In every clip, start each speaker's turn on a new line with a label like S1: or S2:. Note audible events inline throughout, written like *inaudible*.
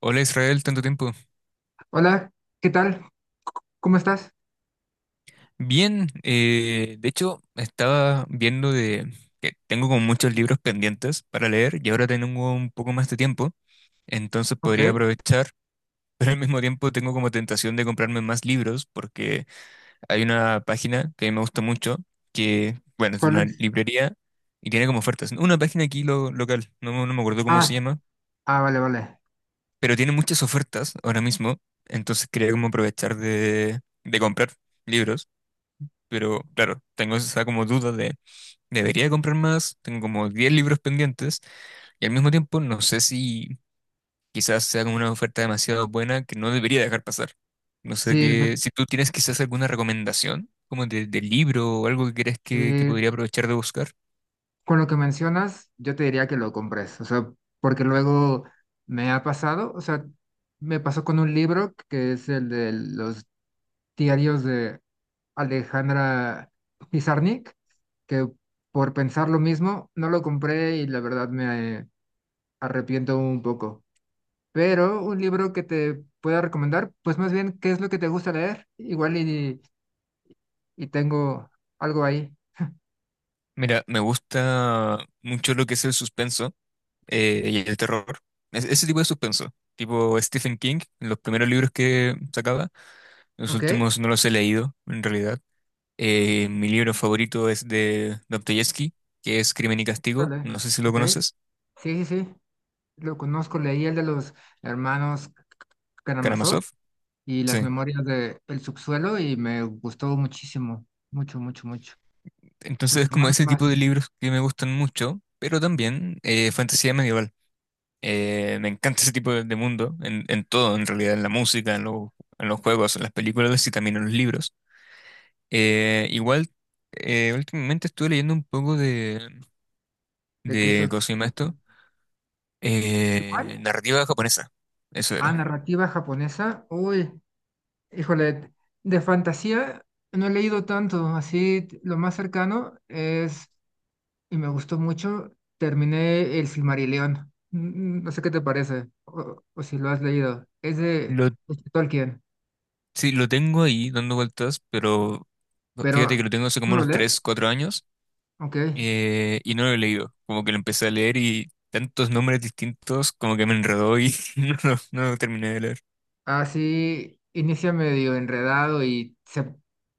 S1: Hola Israel, tanto tiempo.
S2: Hola, ¿qué tal? ¿Cómo estás?
S1: Bien, de hecho estaba viendo de que tengo como muchos libros pendientes para leer y ahora tengo un poco más de tiempo, entonces podría
S2: Ok,
S1: aprovechar, *laughs* pero al mismo tiempo tengo como tentación de comprarme más libros porque hay una página que me gusta mucho, que bueno, es
S2: ¿cuál
S1: una
S2: es?
S1: librería y tiene como ofertas. Una página aquí local, no, no me acuerdo cómo se
S2: Ah,
S1: llama,
S2: ah, vale, vale.
S1: pero tiene muchas ofertas ahora mismo, entonces quería como aprovechar de comprar libros. Pero claro, tengo esa como duda de, ¿debería comprar más? Tengo como 10 libros pendientes y al mismo tiempo no sé si quizás sea como una oferta demasiado buena que no debería dejar pasar. No sé
S2: Sí, me-
S1: que, si tú tienes quizás alguna recomendación como de libro o algo que crees que
S2: sí,
S1: podría aprovechar de buscar.
S2: con lo que mencionas, yo te diría que lo compres, o sea, porque luego me ha pasado, o sea, me pasó con un libro que es el de los diarios de Alejandra Pizarnik, que por pensar lo mismo, no lo compré y la verdad me arrepiento un poco. Pero un libro que te pueda recomendar, pues más bien, ¿qué es lo que te gusta leer? Igual y tengo algo ahí.
S1: Mira, me gusta mucho lo que es el suspenso y el terror. Ese tipo de suspenso, tipo Stephen King, los primeros libros que sacaba, los
S2: Ok,
S1: últimos no los he leído en realidad. Mi libro favorito es de Dostoyevsky, que es Crimen y Castigo.
S2: vale,
S1: No sé si lo
S2: ok.
S1: conoces,
S2: Sí, sí, sí. Lo conozco, leí el de los hermanos Karamazov
S1: Karamazov.
S2: y las
S1: Sí.
S2: memorias de El subsuelo y me gustó muchísimo, mucho, mucho, mucho. Los
S1: Entonces es como
S2: hermanos
S1: ese tipo
S2: más,
S1: de libros que me gustan mucho, pero también fantasía medieval. Me encanta ese tipo de mundo, en todo, en realidad, en la música, en, en los juegos, en las películas y también en los libros. Igual, últimamente estuve leyendo un poco de,
S2: de que
S1: de
S2: estos...
S1: ¿cómo se llama esto?
S2: ¿Cuál?
S1: Narrativa japonesa. Eso
S2: Ah,
S1: era.
S2: narrativa japonesa. Uy, híjole, de fantasía no he leído tanto, así lo más cercano es y me gustó mucho. Terminé El Silmarillion. No sé qué te parece o si lo has leído.
S1: Lo
S2: Es de Tolkien,
S1: Sí, lo tengo ahí dando vueltas, pero fíjate que
S2: pero
S1: lo tengo hace
S2: ¿tú
S1: como
S2: lo
S1: unos
S2: lees?
S1: 3 4 años
S2: Ok.
S1: y no lo he leído. Como que lo empecé a leer y tantos nombres distintos como que me enredó y *laughs* no, no lo terminé de leer.
S2: Así inicia medio enredado y se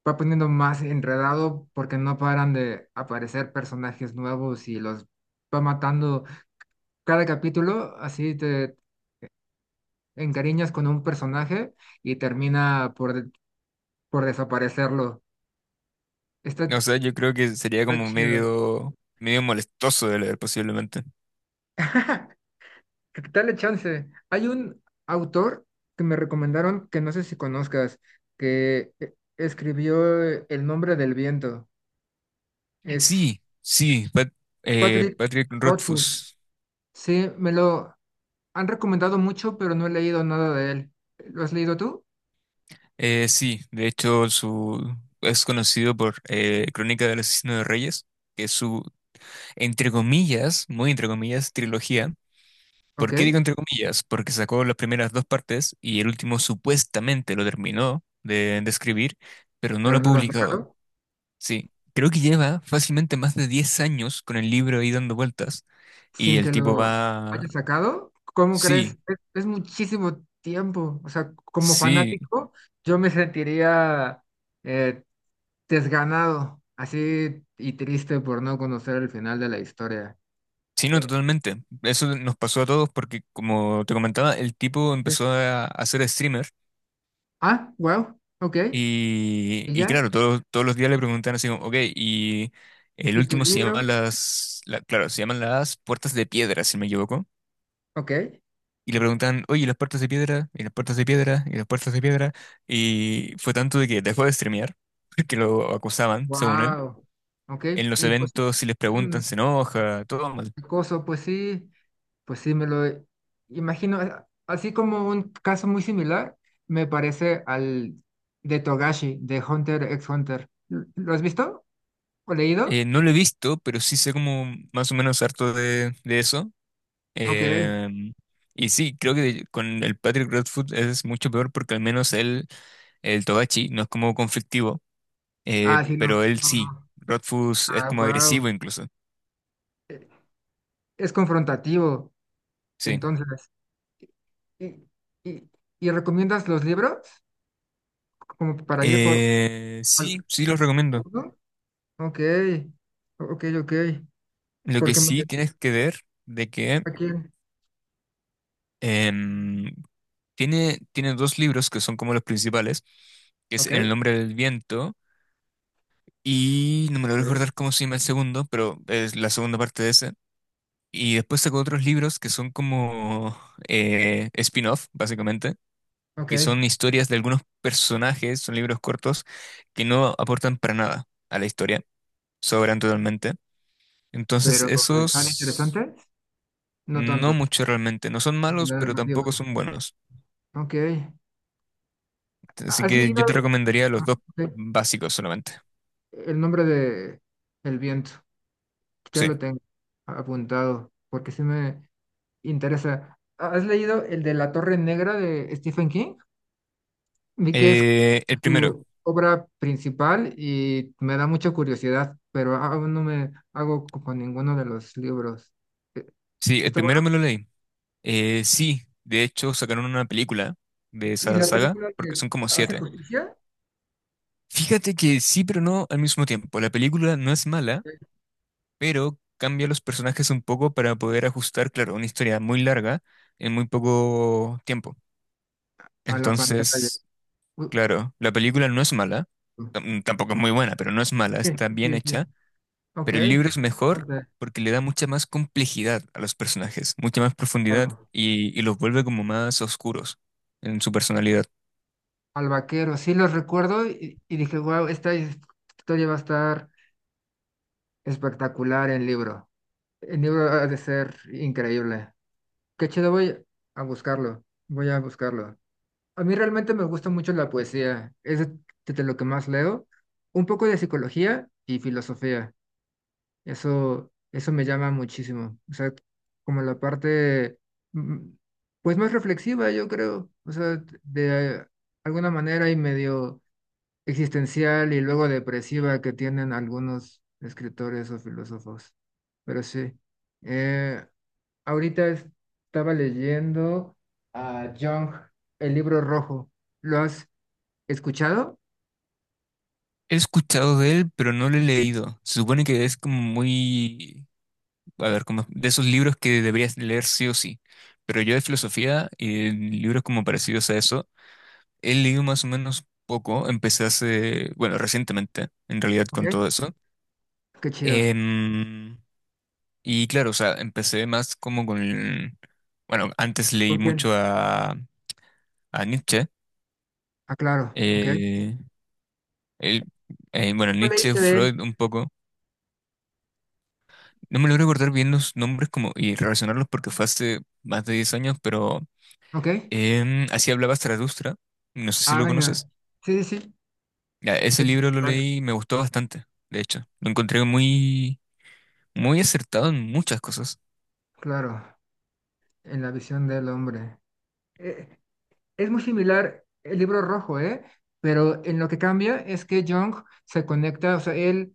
S2: va poniendo más enredado porque no paran de aparecer personajes nuevos y los va matando. Cada capítulo, así te encariñas con un personaje y termina por desaparecerlo. Está,
S1: O sea, yo creo que sería
S2: está
S1: como
S2: chido.
S1: medio, molestoso de leer posiblemente.
S2: *laughs* Dale chance. Hay un autor que me recomendaron que no sé si conozcas, que escribió El nombre del viento. Es
S1: Sí, sí,
S2: Patrick
S1: Patrick
S2: Rothfuss.
S1: Rothfuss.
S2: Sí, me lo han recomendado mucho, pero no he leído nada de él. ¿Lo has leído tú?
S1: Sí, de hecho es conocido por Crónica del Asesino de Reyes, que es su, entre comillas, muy entre comillas, trilogía.
S2: Ok,
S1: ¿Por qué digo entre comillas? Porque sacó las primeras dos partes y el último supuestamente lo terminó de escribir, pero no lo
S2: pero
S1: ha
S2: no lo has
S1: publicado.
S2: sacado.
S1: Sí, creo que lleva fácilmente más de 10 años con el libro ahí dando vueltas y
S2: Sin que
S1: el tipo
S2: lo
S1: va...
S2: hayas sacado. ¿Cómo crees?
S1: Sí,
S2: Es muchísimo tiempo. O sea, como
S1: sí,
S2: fanático, yo me sentiría eh, desganado, así y triste por no conocer el final de la historia.
S1: sí, no,
S2: Eh,
S1: totalmente. Eso nos pasó a todos porque, como te comentaba, el tipo
S2: eh,
S1: empezó hacer ser streamer.
S2: ah, wow, ok,
S1: Y,
S2: y
S1: y
S2: ya,
S1: claro, todos los días le preguntan así como, ok, y el
S2: y tu
S1: último se llama
S2: libro,
S1: claro, se llaman las puertas de piedra, si no me equivoco.
S2: ok,
S1: Y le preguntan, oye, ¿y las puertas de piedra, y las puertas de piedra, y las puertas de piedra? Y fue tanto de que dejó de streamear, *laughs* que lo acusaban, según él.
S2: wow, ok,
S1: En los
S2: y pues
S1: eventos, si les
S2: es
S1: preguntan,
S2: un
S1: se enoja, todo mal.
S2: acoso, pues sí, me lo imagino, así como un caso muy similar, me parece al de Togashi, de Hunter x Hunter. ¿Lo has visto o leído?
S1: No lo he visto, pero sí sé como más o menos harto de eso.
S2: Ok,
S1: Em, y sí, creo que con el Patrick Redfoot es mucho peor porque al menos él el Togashi no es como conflictivo,
S2: ah, sí,
S1: pero
S2: no,
S1: él
S2: no,
S1: sí.
S2: no.
S1: Rodfus es
S2: Ah,
S1: como
S2: wow,
S1: agresivo incluso.
S2: es confrontativo.
S1: Sí.
S2: Entonces, ¿y, y- ¿y recomiendas los libros como para ir por
S1: Sí,
S2: al-
S1: sí los recomiendo.
S2: alguno? Ok, ok, ok.
S1: Lo que
S2: Porque me
S1: sí tienes que ver de que
S2: aquí,
S1: em, tiene dos libros que son como los principales, que es
S2: ok,
S1: En el nombre del viento y no me lo voy a
S2: ok,
S1: recordar cómo se llama el segundo, pero es la segunda parte de ese. Y después sacó otros libros que son como spin-off, básicamente, que son
S2: ok.
S1: historias de algunos personajes, son libros cortos, que no aportan para nada a la historia, sobran totalmente. Entonces,
S2: Pero ¿están
S1: esos
S2: interesantes? No
S1: no
S2: tanto.
S1: mucho realmente, no son
S2: Y
S1: malos,
S2: La
S1: pero tampoco
S2: narrativa.
S1: son buenos.
S2: Ok.
S1: Así
S2: ¿Has
S1: que
S2: leído
S1: yo te recomendaría los
S2: ah,
S1: dos
S2: ok,
S1: básicos solamente.
S2: ¿el nombre de El viento? Ya
S1: Sí.
S2: lo tengo apuntado porque sí me interesa. ¿Has leído el de La Torre Negra de Stephen King? Vi que es
S1: Eh, el primero,
S2: tu obra principal y me da mucha curiosidad, pero aún no me hago con ninguno de los libros. Eh,
S1: sí, el
S2: ¿Está bueno?
S1: primero me lo leí. Sí, de hecho sacaron una película de
S2: ¿Y
S1: esa
S2: la
S1: saga,
S2: película
S1: porque
S2: que
S1: son como
S2: hace
S1: siete.
S2: justicia?
S1: Fíjate que sí, pero no al mismo tiempo. La película no es mala,
S2: Sí.
S1: pero cambia los personajes un poco para poder ajustar, claro, una historia muy larga en muy poco tiempo.
S2: A la pantalla.
S1: Entonces,
S2: U-
S1: claro, la película no es mala, tampoco es muy buena, pero no es mala,
S2: sí,
S1: está bien
S2: sí, sí.
S1: hecha,
S2: Ok.
S1: pero el libro es mejor
S2: Bastante
S1: porque le da mucha más complejidad a los personajes, mucha más profundidad
S2: claro.
S1: y los vuelve como más oscuros en su personalidad.
S2: Al vaquero, sí los recuerdo y dije, wow, esta historia va a estar espectacular en libro. El libro ha de ser increíble. Qué chido, voy a buscarlo. Voy a buscarlo. A mí realmente me gusta mucho la poesía, es de lo que más leo, un poco de psicología y filosofía, eso me llama muchísimo, o sea, como la parte, mm, pues más reflexiva, yo creo, o sea, de alguna manera y medio existencial y luego depresiva que tienen algunos escritores o filósofos, pero sí. Eh, ahorita estaba leyendo a Jung, El libro rojo, ¿lo has ¿escuchado?
S1: He escuchado de él, pero no lo he leído. Se supone que es como muy a ver, como de esos libros que deberías leer sí o sí. Pero yo de filosofía y libros como parecidos a eso, he leído más o menos poco. Empecé hace, bueno, recientemente, en realidad,
S2: Ok,
S1: con todo eso.
S2: qué chido.
S1: Em, y claro, o sea, empecé más como con, bueno, antes leí
S2: ¿Con
S1: mucho
S2: quién?
S1: a Nietzsche.
S2: Ah, claro, ok.
S1: eh, él- bueno,
S2: ¿Cuál
S1: Nietzsche,
S2: leíste de él?
S1: Freud, un poco. No me logro recordar bien los nombres como, y relacionarlos porque fue hace más de 10 años, pero
S2: Ok.
S1: Así hablaba Zaratustra, no sé si
S2: Ah,
S1: lo conoces.
S2: venga. Sí, sí, sí.
S1: Ya, ese
S2: Te-
S1: libro lo
S2: vale.
S1: leí y me gustó bastante, de hecho. Lo encontré muy, muy acertado en muchas cosas.
S2: Claro, en la visión del hombre. Eh, es muy similar el libro rojo, ¿eh? Pero en lo que cambia es que Jung se conecta, o sea, él,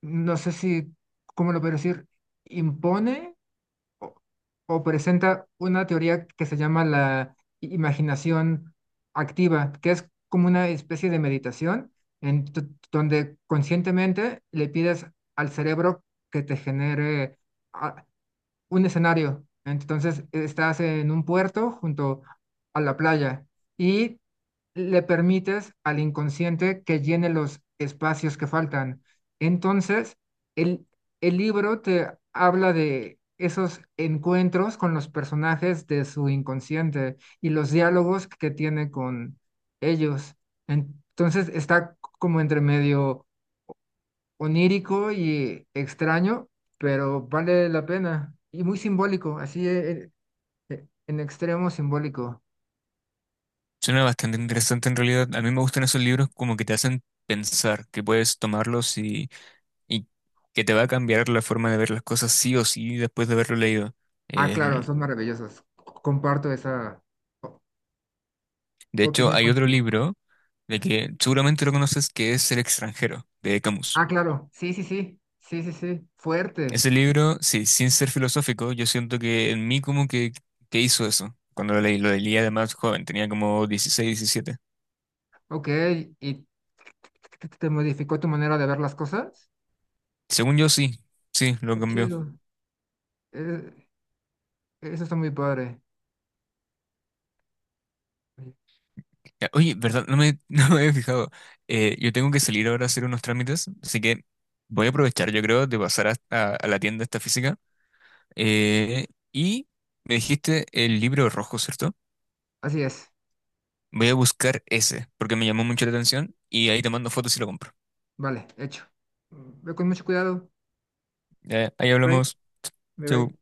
S2: no sé si, ¿cómo lo puedo decir? Impone o, o presenta una teoría que se llama la imaginación activa, que es como una especie de meditación en t- donde conscientemente le pides al cerebro que te genere a- un escenario. Entonces estás en un puerto junto a la playa y le permites al inconsciente que llene los espacios que faltan. Entonces, el, el libro te habla de esos encuentros con los personajes de su inconsciente y los diálogos que tiene con ellos. Entonces está como entre medio onírico y extraño, pero vale la pena. Y muy simbólico, así en, extremo simbólico.
S1: Suena bastante interesante en realidad. A mí me gustan esos libros como que te hacen pensar, que puedes tomarlos y que te va a cambiar la forma de ver las cosas sí o sí después de haberlo leído.
S2: Ah, claro,
S1: Em,
S2: son maravillosos. Comparto esa o-
S1: de hecho,
S2: opinión
S1: hay otro
S2: contigo.
S1: libro de
S2: Gracias.
S1: que seguramente lo conoces que es El extranjero, de Camus.
S2: Ah, claro, sí, sí, sí, sí, sí, sí, fuerte.
S1: Ese libro, sí, sin ser filosófico, yo siento que en mí como que hizo eso. Cuando lo leí además joven, tenía como 16, 17.
S2: Ok, ¿y te modificó tu manera de ver las cosas?
S1: Según yo, sí, sí, lo
S2: Qué
S1: cambió.
S2: chido. Eh, eso está muy padre.
S1: Ya, oye, ¿verdad? No me, *laughs* no me había fijado. Yo tengo que salir ahora a hacer unos trámites, así que voy a aprovechar, yo creo, de pasar a la tienda esta física. Eh, y me dijiste el libro rojo, ¿cierto?
S2: Así es,
S1: Voy a buscar ese, porque me llamó mucho la atención y ahí te mando fotos y lo compro.
S2: vale, hecho. Ve con mucho cuidado.
S1: Ya, ahí
S2: Bye,
S1: hablamos.
S2: bye, bye.
S1: Chau.